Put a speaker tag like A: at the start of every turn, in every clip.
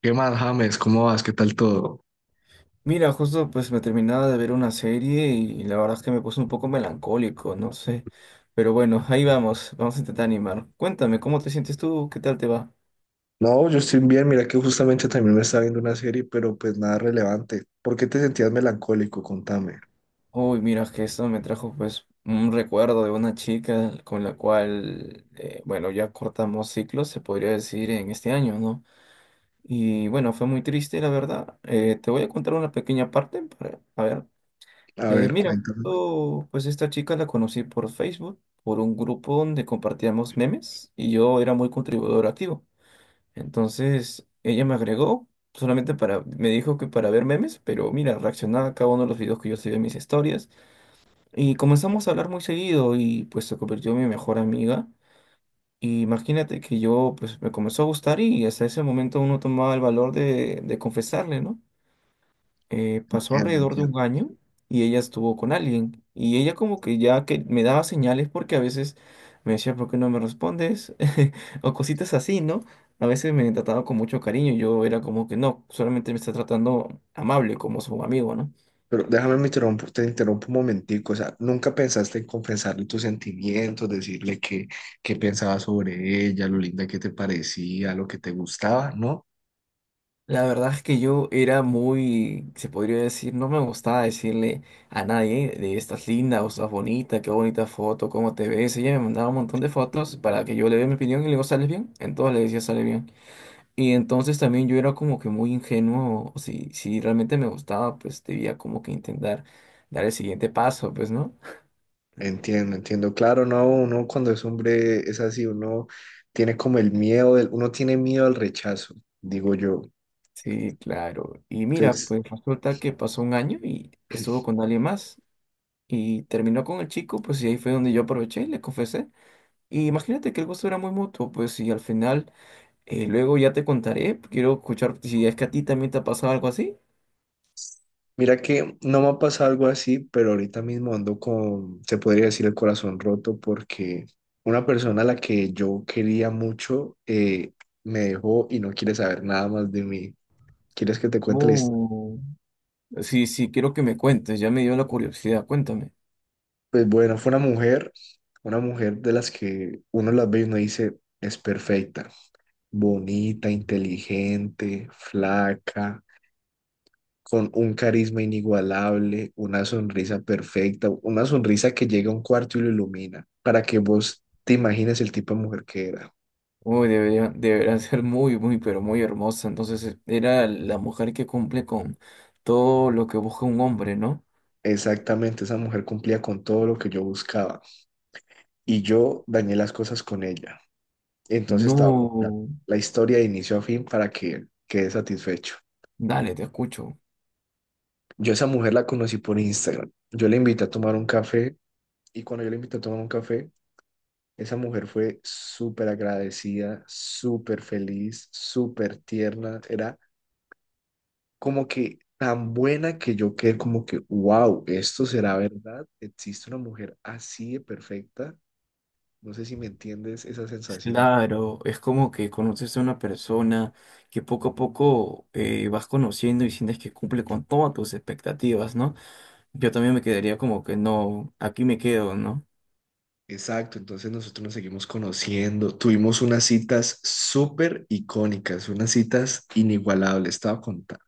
A: ¿Qué más, James? ¿Cómo vas? ¿Qué tal todo?
B: Mira, justo pues me terminaba de ver una serie y la verdad es que me puse un poco melancólico, no sé. Pero bueno, ahí vamos, vamos a intentar animar. Cuéntame, ¿cómo te sientes tú? ¿Qué tal te va?
A: No, yo estoy bien, mira que justamente también me estaba viendo una serie, pero pues nada relevante. ¿Por qué te sentías melancólico? Contame.
B: Uy, mira, que esto me trajo pues un recuerdo de una chica con la cual, bueno, ya cortamos ciclos, se podría decir, en este año, ¿no? Y bueno, fue muy triste, la verdad. Te voy a contar una pequeña parte para, a ver.
A: A
B: Eh,
A: ver,
B: mira,
A: cuéntame.
B: justo, pues esta chica la conocí por Facebook, por un grupo donde compartíamos memes y yo era muy contribuidor activo. Entonces ella me agregó solamente para, me dijo que para ver memes, pero mira, reaccionaba a cada uno de los videos que yo subía en mis historias y comenzamos a hablar muy seguido y pues se convirtió en mi mejor amiga. Y imagínate que yo pues me comenzó a gustar y hasta ese momento uno tomaba el valor de confesarle, ¿no? Pasó
A: No
B: alrededor de
A: entiendo.
B: un año y ella estuvo con alguien. Y ella como que ya que me daba señales porque a veces me decía, ¿por qué no me respondes? O cositas así, ¿no? A veces me trataba con mucho cariño y yo era como que no, solamente me está tratando amable como su amigo, ¿no?
A: Pero te interrumpo un momentico. O sea, ¿nunca pensaste en confesarle tus sentimientos, decirle qué pensabas sobre ella, lo linda que te parecía, lo que te gustaba, ¿no?
B: La verdad es que yo era muy, se podría decir, no me gustaba decirle a nadie de estas lindas o estás bonita, qué bonita foto, cómo te ves. Ella me mandaba un montón de fotos para que yo le dé mi opinión y le digo, ¿sales bien? Entonces le decía, sale bien. Y entonces también yo era como que muy ingenuo, o si realmente me gustaba, pues debía como que intentar dar el siguiente paso, pues, ¿no?
A: Entiendo, entiendo. Claro, no, uno cuando es hombre es así, uno tiene como el miedo, uno tiene miedo al rechazo, digo yo.
B: Sí, claro. Y mira,
A: Entonces,
B: pues resulta que pasó un año y estuvo con alguien más y terminó con el chico, pues y ahí fue donde yo aproveché y le confesé. Y imagínate que el gusto era muy mutuo, pues y al final, luego ya te contaré, quiero escuchar si es que a ti también te ha pasado algo así.
A: mira que no me ha pasado algo así, pero ahorita mismo ando con, se podría decir, el corazón roto porque una persona a la que yo quería mucho me dejó y no quiere saber nada más de mí. ¿Quieres que te cuente la historia?
B: Oh. Sí, sí, quiero que me cuentes, ya me dio la curiosidad, cuéntame.
A: Pues bueno, fue una mujer de las que uno las ve y uno dice, es perfecta, bonita, inteligente, flaca, con un carisma inigualable, una sonrisa perfecta, una sonrisa que llega a un cuarto y lo ilumina, para que vos te imagines el tipo de mujer que era.
B: Uy, debería, debería ser muy, muy, pero muy hermosa. Entonces era la mujer que cumple con todo lo que busca un hombre, ¿no?
A: Exactamente, esa mujer cumplía con todo lo que yo buscaba y yo dañé las cosas con ella. Entonces estaba con la,
B: No,
A: la historia de inicio a fin para que quede satisfecho.
B: dale, te escucho.
A: Yo a esa mujer la conocí por Instagram. Yo le invité a tomar un café y cuando yo le invité a tomar un café, esa mujer fue súper agradecida, súper feliz, súper tierna. Era como que tan buena que yo quedé como que, wow, esto será verdad. Existe una mujer así de perfecta. No sé si me entiendes esa sensación.
B: Claro, es como que conoces a una persona que poco a poco vas conociendo y sientes que cumple con todas tus expectativas, ¿no? Yo también me quedaría como que no, aquí me quedo, ¿no?
A: Exacto, entonces nosotros nos seguimos conociendo. Tuvimos unas citas súper icónicas, unas citas inigualables. Estaba contando.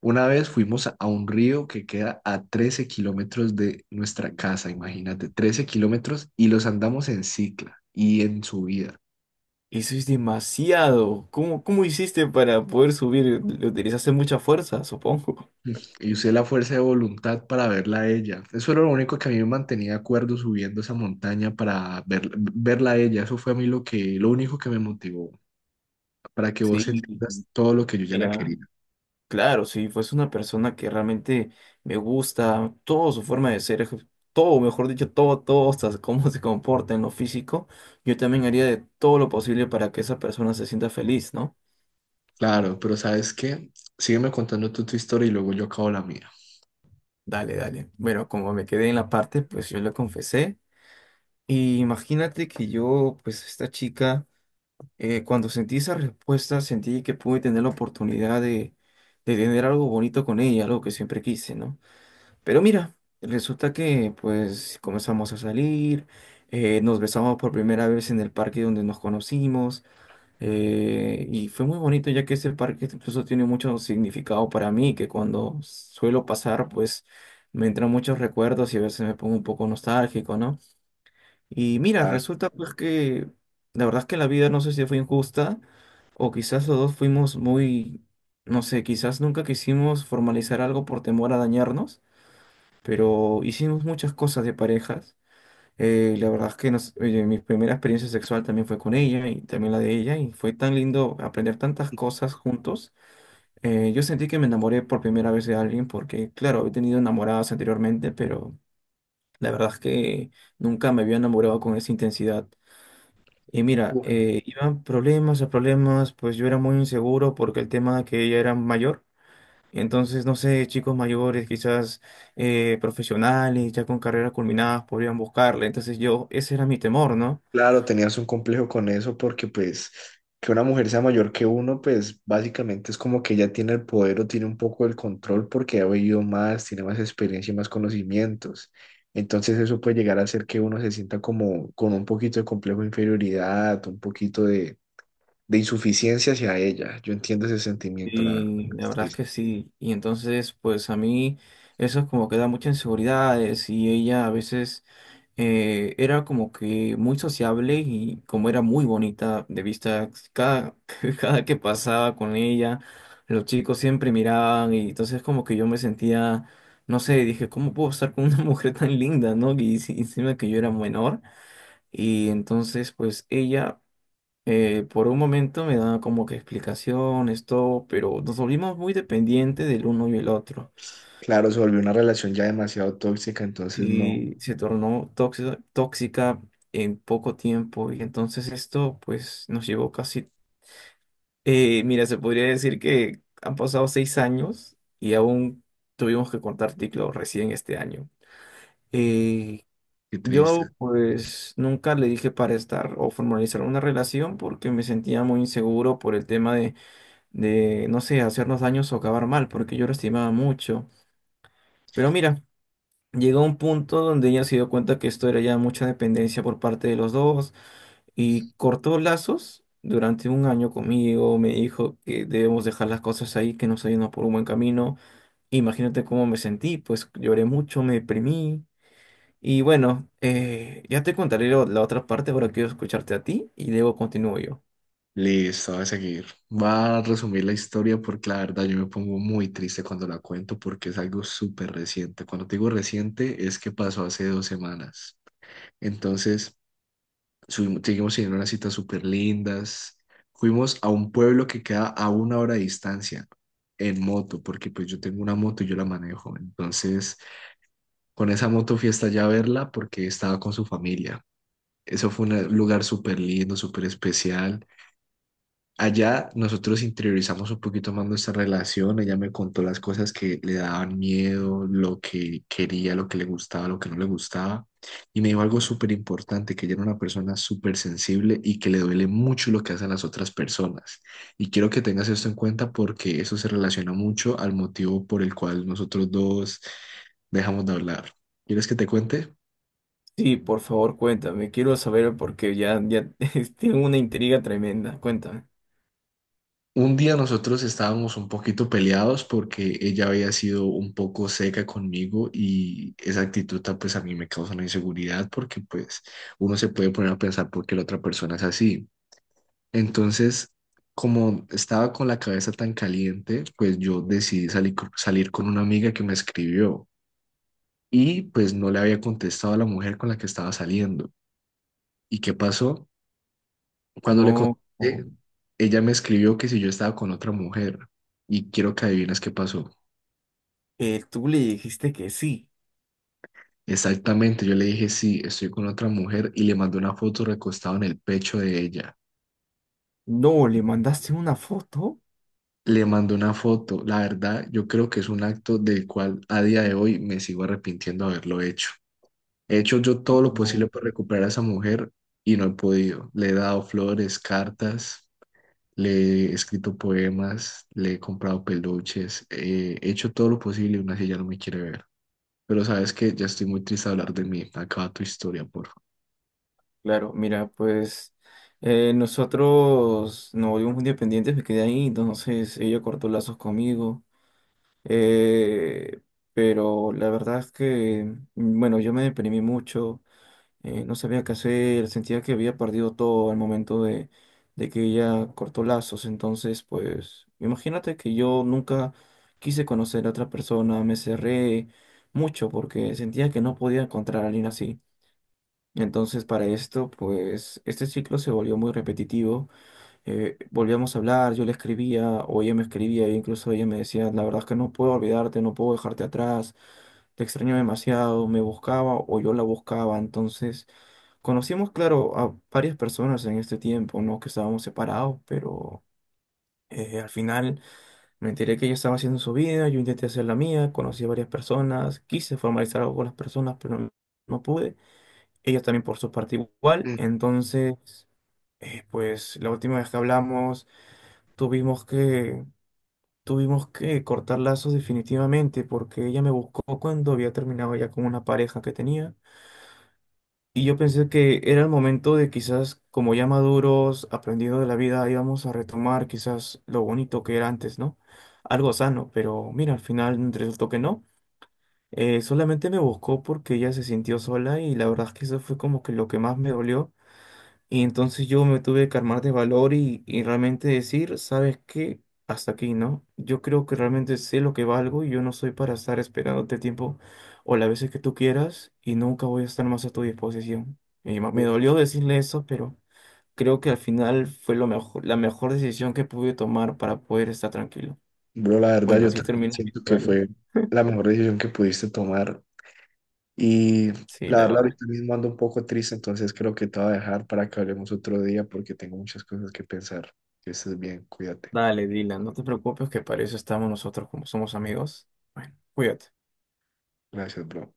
A: Una vez fuimos a un río que queda a 13 km de nuestra casa, imagínate, 13 km y los andamos en cicla y en subida.
B: Eso es demasiado. ¿Cómo hiciste para poder subir? Le utilizaste mucha fuerza, supongo.
A: Y usé la fuerza de voluntad para verla a ella. Eso era lo único que a mí me mantenía acuerdo subiendo esa montaña para verla a ella. Eso fue a mí lo que, lo único que me motivó, para que vos
B: Sí,
A: entiendas todo lo que yo ya la
B: mira.
A: quería.
B: Claro, si fuese una persona que realmente me gusta, toda su forma de ser, todo, mejor dicho, todo, todo, hasta cómo se comporta en lo físico, yo también haría de todo lo posible para que esa persona se sienta feliz, ¿no?
A: Claro, pero ¿sabes qué? Sígueme contando tú tu historia y luego yo acabo la mía.
B: Dale, dale. Bueno, como me quedé en la parte, pues yo le confesé. Y imagínate que yo, pues esta chica, cuando sentí esa respuesta, sentí que pude tener la oportunidad de tener algo bonito con ella, algo que siempre quise, ¿no? Pero mira, resulta que pues comenzamos a salir, nos besamos por primera vez en el parque donde nos conocimos y fue muy bonito ya que ese parque incluso tiene mucho significado para mí, que cuando suelo pasar pues me entran muchos recuerdos y a veces me pongo un poco nostálgico, ¿no? Y mira,
A: Claro.
B: resulta pues que la verdad es que la vida no sé si fue injusta o quizás los dos fuimos muy, no sé, quizás nunca quisimos formalizar algo por temor a dañarnos pero hicimos muchas cosas de parejas. La verdad es que oye, mi primera experiencia sexual también fue con ella y también la de ella y fue tan lindo aprender tantas cosas juntos. Yo sentí que me enamoré por primera vez de alguien porque, claro, he tenido enamoradas anteriormente, pero la verdad es que nunca me había enamorado con esa intensidad. Y mira, iban problemas a problemas, pues yo era muy inseguro porque el tema de que ella era mayor. Entonces, no sé, chicos mayores, quizás profesionales, ya con carreras culminadas, podrían buscarle. Entonces yo, ese era mi temor, ¿no?
A: Claro, tenías un complejo con eso porque pues que una mujer sea mayor que uno, pues básicamente es como que ella tiene el poder o tiene un poco el control porque ha vivido más, tiene más experiencia y más conocimientos. Entonces eso puede llegar a hacer que uno se sienta como con un poquito de complejo de inferioridad, un poquito de insuficiencia hacia ella. Yo entiendo ese sentimiento, la verdad.
B: Y la
A: Es
B: verdad es
A: triste.
B: que sí. Y entonces, pues a mí eso es como que da muchas inseguridades y ella a veces era como que muy sociable y como era muy bonita de vista, cada que pasaba con ella, los chicos siempre miraban y entonces como que yo me sentía, no sé, dije, ¿cómo puedo estar con una mujer tan linda, no? Y encima que yo era menor y entonces pues ella. Por un momento me daba como que explicaciones, todo, pero nos volvimos muy dependientes del uno y el otro.
A: Claro, se volvió una relación ya demasiado tóxica, entonces no.
B: Sí, se tornó tóxica, tóxica en poco tiempo y entonces esto pues nos llevó casi, mira, se podría decir que han pasado 6 años y aún tuvimos que cortar ciclo recién este año. Eh,
A: Qué triste.
B: yo pues nunca le dije para estar o formalizar una relación porque me sentía muy inseguro por el tema de, no sé, hacernos daños o acabar mal, porque yo lo estimaba mucho. Pero mira, llegó un punto donde ella se dio cuenta que esto era ya mucha dependencia por parte de los dos y cortó lazos durante un año conmigo, me dijo que debemos dejar las cosas ahí, que nos ayudan por un buen camino. Imagínate cómo me sentí, pues lloré mucho, me deprimí. Y bueno, ya te contaré la otra parte, ahora quiero escucharte a ti y luego continúo yo.
A: Listo, voy a seguir. Va a resumir la historia porque la verdad yo me pongo muy triste cuando la cuento porque es algo súper reciente. Cuando te digo reciente es que pasó hace 2 semanas. Entonces, seguimos teniendo unas citas súper lindas. Fuimos a un pueblo que queda a una hora de distancia en moto porque pues yo tengo una moto y yo la manejo. Entonces, con esa moto fui hasta allá a verla porque estaba con su familia. Eso fue un lugar súper lindo, súper especial. Allá nosotros interiorizamos un poquito más nuestra relación, ella me contó las cosas que le daban miedo, lo que quería, lo que le gustaba, lo que no le gustaba, y me dijo algo súper importante, que ella era una persona súper sensible y que le duele mucho lo que hacen las otras personas. Y quiero que tengas esto en cuenta porque eso se relaciona mucho al motivo por el cual nosotros dos dejamos de hablar. ¿Quieres que te cuente?
B: Sí, por favor, cuéntame. Quiero saber porque ya, ya tengo una intriga tremenda. Cuéntame.
A: Un día nosotros estábamos un poquito peleados porque ella había sido un poco seca conmigo y esa actitud pues a mí me causa una inseguridad porque pues uno se puede poner a pensar por qué la otra persona es así. Entonces, como estaba con la cabeza tan caliente, pues yo decidí salir, salir con una amiga que me escribió y pues no le había contestado a la mujer con la que estaba saliendo. ¿Y qué pasó? Cuando le
B: No,
A: conté, ella me escribió que si yo estaba con otra mujer y quiero que adivines qué pasó.
B: tú le dijiste que sí.
A: Exactamente, yo le dije sí, estoy con otra mujer y le mandé una foto recostado en el pecho de ella.
B: No, le mandaste una foto.
A: Le mandé una foto, la verdad, yo creo que es un acto del cual a día de hoy me sigo arrepintiendo de haberlo hecho. He hecho yo todo lo
B: No.
A: posible por recuperar a esa mujer y no he podido. Le he dado flores, cartas, le he escrito poemas, le he comprado peluches, he hecho todo lo posible y aún así ella no me quiere ver. Pero sabes que ya estoy muy triste de hablar de mí. Acaba tu historia, por favor.
B: Claro, mira, pues nosotros nos volvimos muy dependientes, me quedé ahí, entonces ella cortó lazos conmigo. Eh, pero la verdad es que, bueno, yo me deprimí mucho. No sabía qué hacer, sentía que había perdido todo al momento de, que ella cortó lazos. Entonces, pues, imagínate que yo nunca quise conocer a otra persona, me cerré mucho porque sentía que no podía encontrar a alguien así. Entonces, para esto, pues, este ciclo se volvió muy repetitivo. Volvíamos a hablar, yo le escribía o ella me escribía, e incluso ella me decía, la verdad es que no puedo olvidarte, no puedo dejarte atrás, te extraño demasiado, me buscaba o yo la buscaba, entonces. Conocimos, claro, a varias personas en este tiempo, ¿no? Que estábamos separados, pero al final me enteré que ella estaba haciendo su vida, yo intenté hacer la mía, conocí a varias personas, quise formalizar algo con las personas, pero no, no pude. Ella también por su parte igual,
A: Mm.
B: entonces, pues la última vez que hablamos tuvimos que, tuvimos que cortar lazos definitivamente, porque ella me buscó cuando había terminado ya con una pareja que tenía. Y yo pensé que era el momento de quizás, como ya maduros, aprendiendo de la vida, íbamos a retomar quizás lo bonito que era antes, ¿no? Algo sano, pero mira, al final resultó que no. Solamente me buscó porque ella se sintió sola y la verdad es que eso fue como que lo que más me dolió, y entonces yo me tuve que armar de valor y realmente decir, ¿sabes qué? Hasta aquí, ¿no? Yo creo que realmente sé lo que valgo y yo no soy para estar esperándote tiempo o las veces que tú quieras y nunca voy a estar más a tu disposición. Y me dolió decirle eso, pero creo que al final fue lo mejor, la mejor decisión que pude tomar para poder estar tranquilo.
A: Bro, la verdad,
B: Bueno,
A: yo
B: así
A: también
B: termina mi
A: siento que
B: historia.
A: fue la mejor decisión que pudiste tomar. Y
B: Sí,
A: la
B: la
A: verdad,
B: verdad.
A: ahorita mismo ando un poco triste, entonces creo que te voy a dejar para que hablemos otro día porque tengo muchas cosas que pensar. Que estés bien, cuídate.
B: Dale, Dylan, no te preocupes que para eso estamos nosotros como somos amigos. Bueno, cuídate.
A: Gracias, bro.